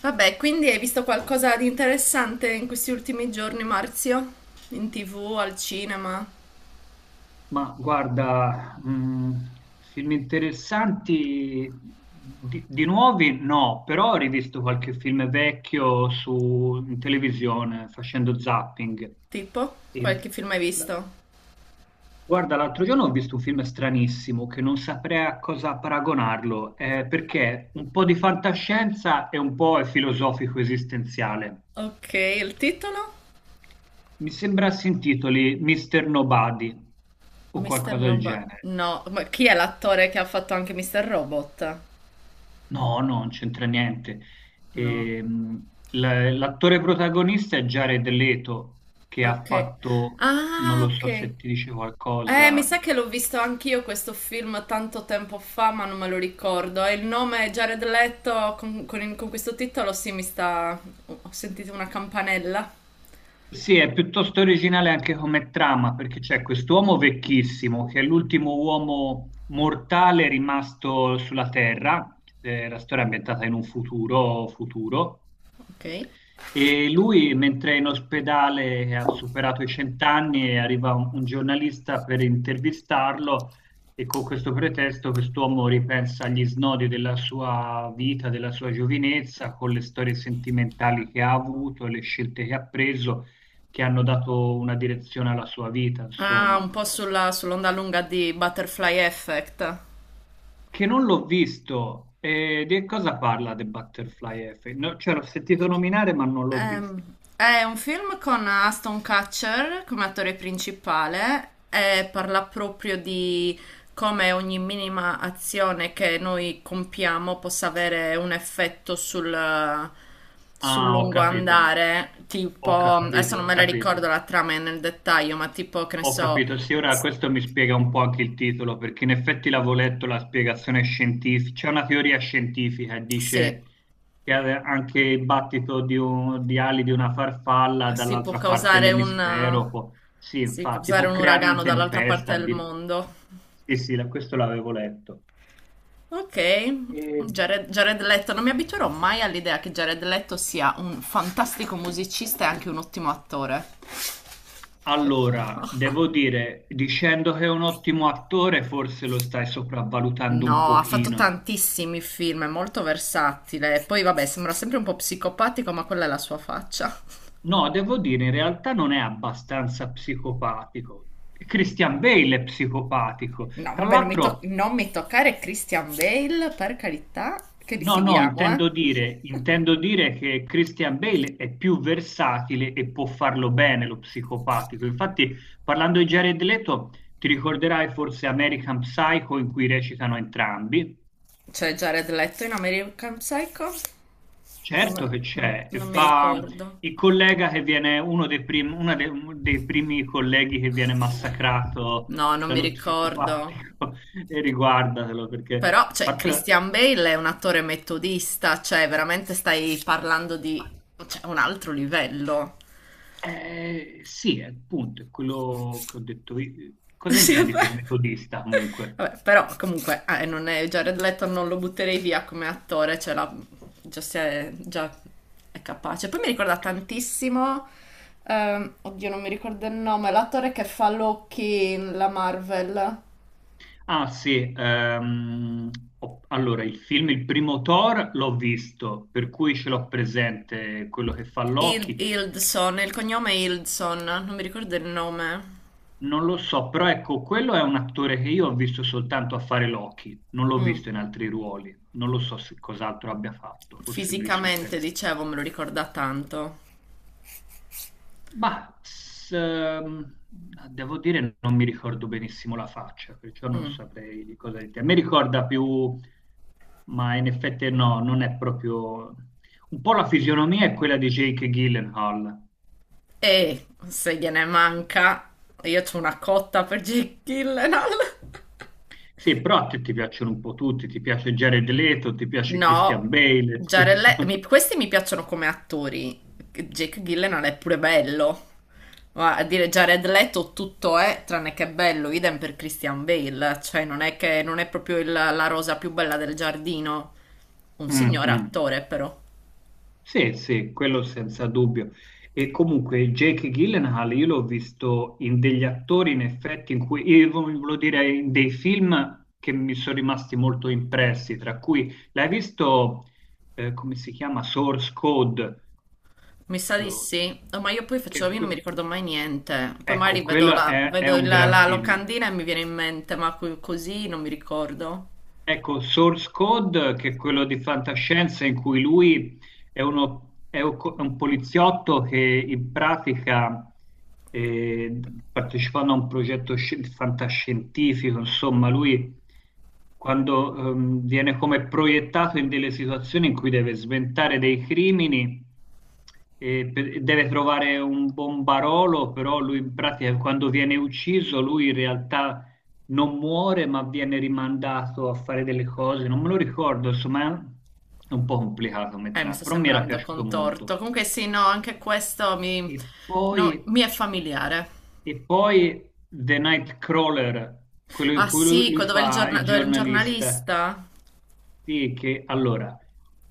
Vabbè, quindi hai visto qualcosa di interessante in questi ultimi giorni, Marzio? In TV, al cinema? Ma guarda, film interessanti di nuovi no, però ho rivisto qualche film vecchio su, in televisione facendo zapping. Tipo? E Qualche film hai la- visto? guarda, l'altro giorno ho visto un film stranissimo che non saprei a cosa paragonarlo, perché un po' di fantascienza e un po' è filosofico esistenziale. Ok, il titolo? Mi sembra si intitoli Mr. Nobody o Mr. qualcosa del Nobody. genere. No, ma chi è l'attore che ha fatto anche Mr. Robot? No, no, non c'entra niente. No. L'attore protagonista è Jared Leto, che ha Ok. fatto, non Ah, lo ok. so se ti dice Mi qualcosa. sa che l'ho visto anch'io questo film tanto tempo fa, ma non me lo ricordo. E il nome è Jared Leto con questo titolo, sì, mi sta. Ho sentito una campanella. Sì, è piuttosto originale anche come trama, perché c'è quest'uomo vecchissimo, che è l'ultimo uomo mortale rimasto sulla Terra, la storia è ambientata in un futuro, Ok. e lui, mentre è in ospedale, ha superato i 100 anni, e arriva un giornalista per intervistarlo e con questo pretesto quest'uomo ripensa agli snodi della sua vita, della sua giovinezza, con le storie sentimentali che ha avuto, le scelte che ha preso che hanno dato una direzione alla sua vita, Ah, insomma, un po' sull'onda lunga di Butterfly Effect. che non l'ho visto. E di cosa parla The Butterfly Effect? No, cioè, l'ho sentito nominare, ma non l'ho visto. È un film con Aston Kutcher come attore principale e parla proprio di come ogni minima azione che noi compiamo possa avere un effetto sul Ah, ho lungo capito, andare. Tipo, ho adesso capito, non ho me la ricordo capito. la trama nel dettaglio, ma tipo, che ne Ho so, capito, sì, ora s- questo mi spiega un po' anche il titolo, perché in effetti l'avevo letto la spiegazione scientifica, c'è una teoria scientifica che sì. dice che anche il battito di, di ali di una farfalla Sì, dall'altra parte dell'emisfero può, sì, sì, può infatti, causare può un creare una uragano dall'altra tempesta. parte del mondo. Sì, sì, questo l'avevo letto. Ok, E Jared Leto, non mi abituerò mai all'idea che Jared Leto sia un fantastico musicista e anche un ottimo attore. allora, devo dire, dicendo che è un ottimo attore, forse lo stai sopravvalutando un No, ha fatto pochino. tantissimi film, è molto versatile. Poi vabbè, sembra sempre un po' psicopatico, ma quella è la sua faccia. No, devo dire, in realtà non è abbastanza psicopatico. Christian Bale è psicopatico. No, Tra vabbè, l'altro, non mi toccare Christian Bale, per carità, che no, no, litighiamo, eh. Intendo dire che Christian Bale è più versatile e può farlo bene lo psicopatico. Infatti, parlando di Jared Leto, ti ricorderai forse American Psycho in cui recitano entrambi. Cioè Jared Leto in American Psycho? Certo Non, che non- c'è, e non mi fa ricordo. il collega che viene, uno dei primi colleghi che viene massacrato No, non mi dallo ricordo. psicopatico, e riguardatelo perché, Però, a cioè, parte, Christian Bale è un attore metodista, cioè, veramente stai parlando di, cioè, un altro livello. Sì, appunto, è quello che ho detto io. Cosa Sì, intendi vabbè. per metodista comunque? Vabbè, però comunque non è, Jared Leto non lo butterei via come attore, cioè già, già è capace. Poi mi ricorda tantissimo, oddio non mi ricordo il nome, l'attore che fa Loki in la Marvel. Ah sì, allora il film, il primo Thor l'ho visto, per cui ce l'ho presente quello che fa Loki. Hildson, il cognome è Hildson, non mi ricordo il nome. Non lo so, però ecco, quello è un attore che io ho visto soltanto a fare Loki, non l'ho Mm. visto in altri ruoli, non lo so se cos'altro abbia fatto, forse me li sono Fisicamente, persi. dicevo, me lo ricorda tanto. Ma s- ehm, devo dire, non mi ricordo benissimo la faccia, perciò non Mm. saprei di cosa dire. Mi ricorda più, ma in effetti no, non è proprio... Un po' la fisionomia è quella di Jake Gyllenhaal. E se gliene manca, io c'ho una cotta per Jake Gyllenhaal. Sì, però a te ti piacciono un po' tutti, ti piace Jared Leto, ti piace No, Christian Bale. ti piace- questi mi piacciono come attori. Jake Gyllenhaal è pure bello. Ma a dire Jared Leto tutto è tranne che bello, idem per Christian Bale, cioè non è che non è proprio la rosa più bella del giardino. Un Mm, signore mm. attore però. Sì, sì, quello senza dubbio. E comunque Jake Gyllenhaal io l'ho visto in degli attori, in effetti, in cui, io volevo dire, in dei film che mi sono rimasti molto impressi, tra cui l'hai visto, come si chiama, Source Code, Mi sa di eh, sì. Oh, ma io poi facevo, io non mi che- ricordo mai niente, poi ecco, magari quello è un gran la film. locandina e mi viene in mente, ma così non mi ricordo. Ecco, Source Code, che è quello di fantascienza in cui lui è, è un poliziotto che in pratica, eh, partecipando a un progetto fantascientifico, insomma, lui quando viene come proiettato in delle situazioni in cui deve sventare dei crimini e deve trovare un bombarolo, però lui in pratica quando viene ucciso, lui in realtà non muore ma viene rimandato a fare delle cose, non me lo ricordo, insomma è un po' complicato Mi metterla, sta però mi era sembrando piaciuto contorto. molto. Comunque sì, no, anche questo E no, poi, mi è familiare. e poi The Nightcrawler, quello Ah in cui lui, sì, lui dove, fa il dove era un giornalista. giornalista? Sì, che allora,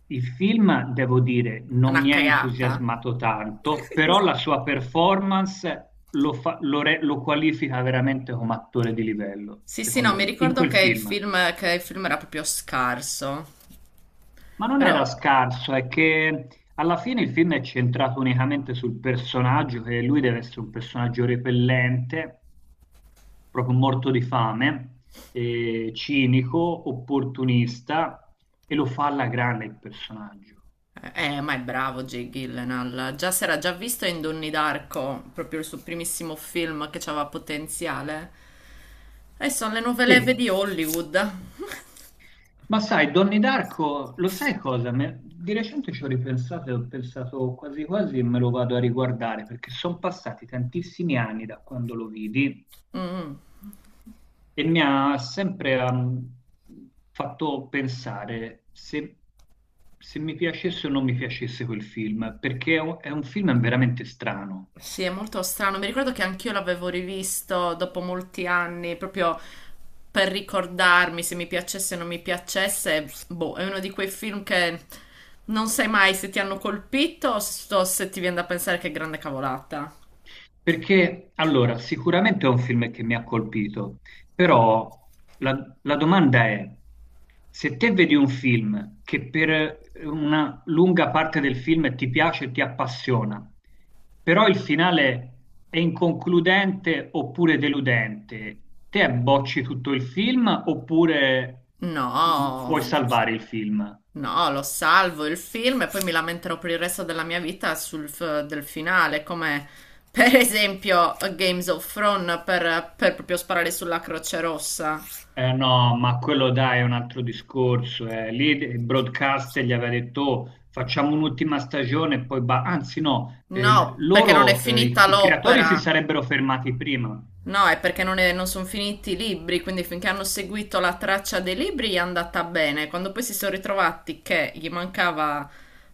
il film, devo dire, non Una mi ha cagata. entusiasmato tanto, però la sua performance lo fa- lo re- lo qualifica veramente come attore di livello, Sì, sì, no, secondo mi me, in ricordo quel che il film. film, che il film era proprio scarso, Ma non però. era scarso, è che alla fine il film è centrato unicamente sul personaggio, che lui deve essere un personaggio repellente, proprio morto di fame, cinico, opportunista, e lo fa alla grande il personaggio. Eh, ma è bravo Jake Gyllenhaal. Già si era già visto in Donnie Darko, proprio il suo primissimo film che aveva potenziale. E sono le nuove leve Sì, di Hollywood. ma sai, Donnie Darko, lo sai cosa? Di recente ci ho ripensato e ho pensato quasi quasi me lo vado a riguardare, perché sono passati tantissimi anni da quando lo vidi. Mm. E mi ha sempre fatto pensare se, se mi piacesse o non mi piacesse quel film, perché è è un film veramente strano. Sì, è molto strano. Mi ricordo che anch'io l'avevo rivisto dopo molti anni, proprio per ricordarmi se mi piacesse o non mi piacesse. Boh, è uno di quei film che non sai mai se ti hanno colpito o se ti viene da pensare che grande cavolata. Perché allora, sicuramente è un film che mi ha colpito, però la domanda è, se te vedi un film che per una lunga parte del film ti piace e ti appassiona, però il finale è inconcludente oppure deludente, te bocci tutto il film oppure puoi No, salvare il film? no, lo salvo il film e poi mi lamenterò per il resto della mia vita del finale, come per esempio Games of Thrones per proprio sparare sulla Croce Rossa. Eh no, ma quello dai è un altro discorso, eh. Lì il broadcaster gli aveva detto: "Oh, facciamo un'ultima stagione e poi ba-". Anzi no, No, perché non è loro, finita i creatori si l'opera. sarebbero fermati prima. No, è perché non sono finiti i libri, quindi finché hanno seguito la traccia dei libri gli è andata bene. Quando poi si sono ritrovati che gli mancava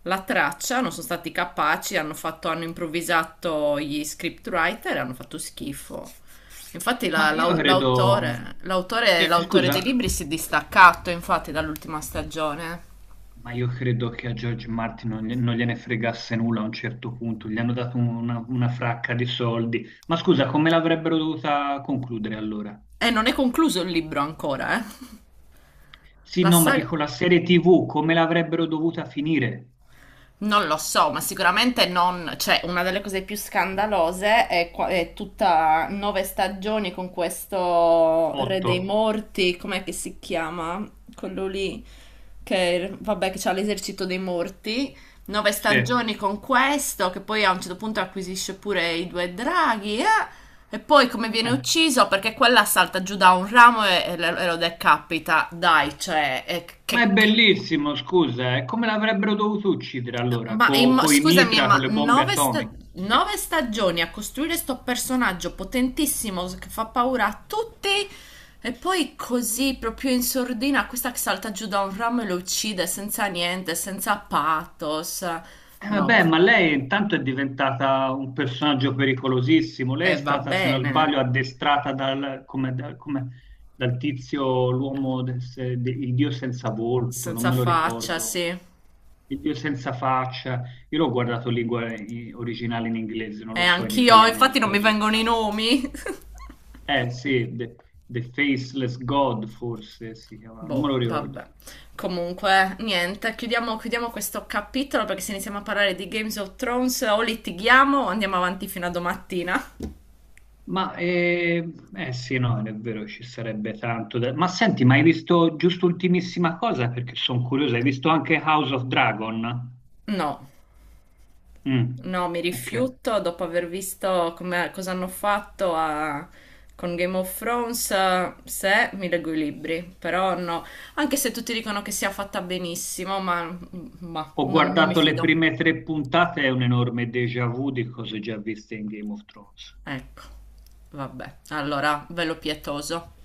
la traccia, non sono stati capaci, hanno improvvisato gli scriptwriter e hanno fatto schifo. Infatti Ma la- io la- credo, l'autore, l'autore, l'autore dei libri scusa, si è distaccato, infatti, dall'ultima stagione. ma io credo che a George Martin non, non gliene fregasse nulla a un certo punto. Gli hanno dato una fracca di soldi. Ma scusa, come l'avrebbero dovuta concludere allora? E non è concluso il libro ancora, eh. Sì, La no, ma saga. dico la serie TV, come l'avrebbero dovuta finire? Non lo so, ma sicuramente non, cioè una delle cose più scandalose è tutta nove stagioni con questo Re dei Otto. Morti, com'è che si chiama? Quello lì che vabbè che c'ha l'esercito dei morti, nove Sì. Stagioni con questo che poi a un certo punto acquisisce pure i due draghi, eh? E poi come viene ucciso perché quella salta giù da un ramo e lo decapita. Dai, cioè, e ma è che cavolo. bellissimo, scusa, eh. Come l'avrebbero dovuto uccidere allora? Ma Con i scusami, mitra, con ma le bombe atomiche? nove stagioni a costruire sto personaggio potentissimo che fa paura a tutti e poi così proprio in sordina questa che salta giù da un ramo e lo uccide senza niente, senza pathos. No, Vabbè, ma lei intanto è diventata un personaggio pericolosissimo. Lei è va stata, se non bene, sbaglio, addestrata dal, come, dal tizio, l'uomo, del se- de- il dio senza volto, non senza me lo faccia, ricordo. sì. Il dio senza faccia. Io l'ho guardato in lingua originale in inglese, non E lo so in anch'io, italiano infatti non queste mi cose. vengono i nomi. Eh sì, The Faceless God forse si chiama, non me Boh, lo vabbè. ricordo. Comunque, niente, chiudiamo questo capitolo perché se iniziamo a parlare di Games of Thrones o litighiamo o andiamo avanti fino a domattina. Ma sì, no, è vero, ci sarebbe tanto da... Ma senti, ma hai visto giusto ultimissima cosa? Perché sono curiosa, hai visto anche House of Dragon? No, Mm, no, mi ok. rifiuto dopo aver visto cosa hanno fatto con Game of Thrones. Se mi leggo i libri, però no, anche se tutti dicono che sia fatta benissimo, ma Ho non mi guardato le fido. prime 3 puntate, è un enorme déjà vu di cose già viste in Game of Thrones. Ecco, vabbè, allora, velo pietoso.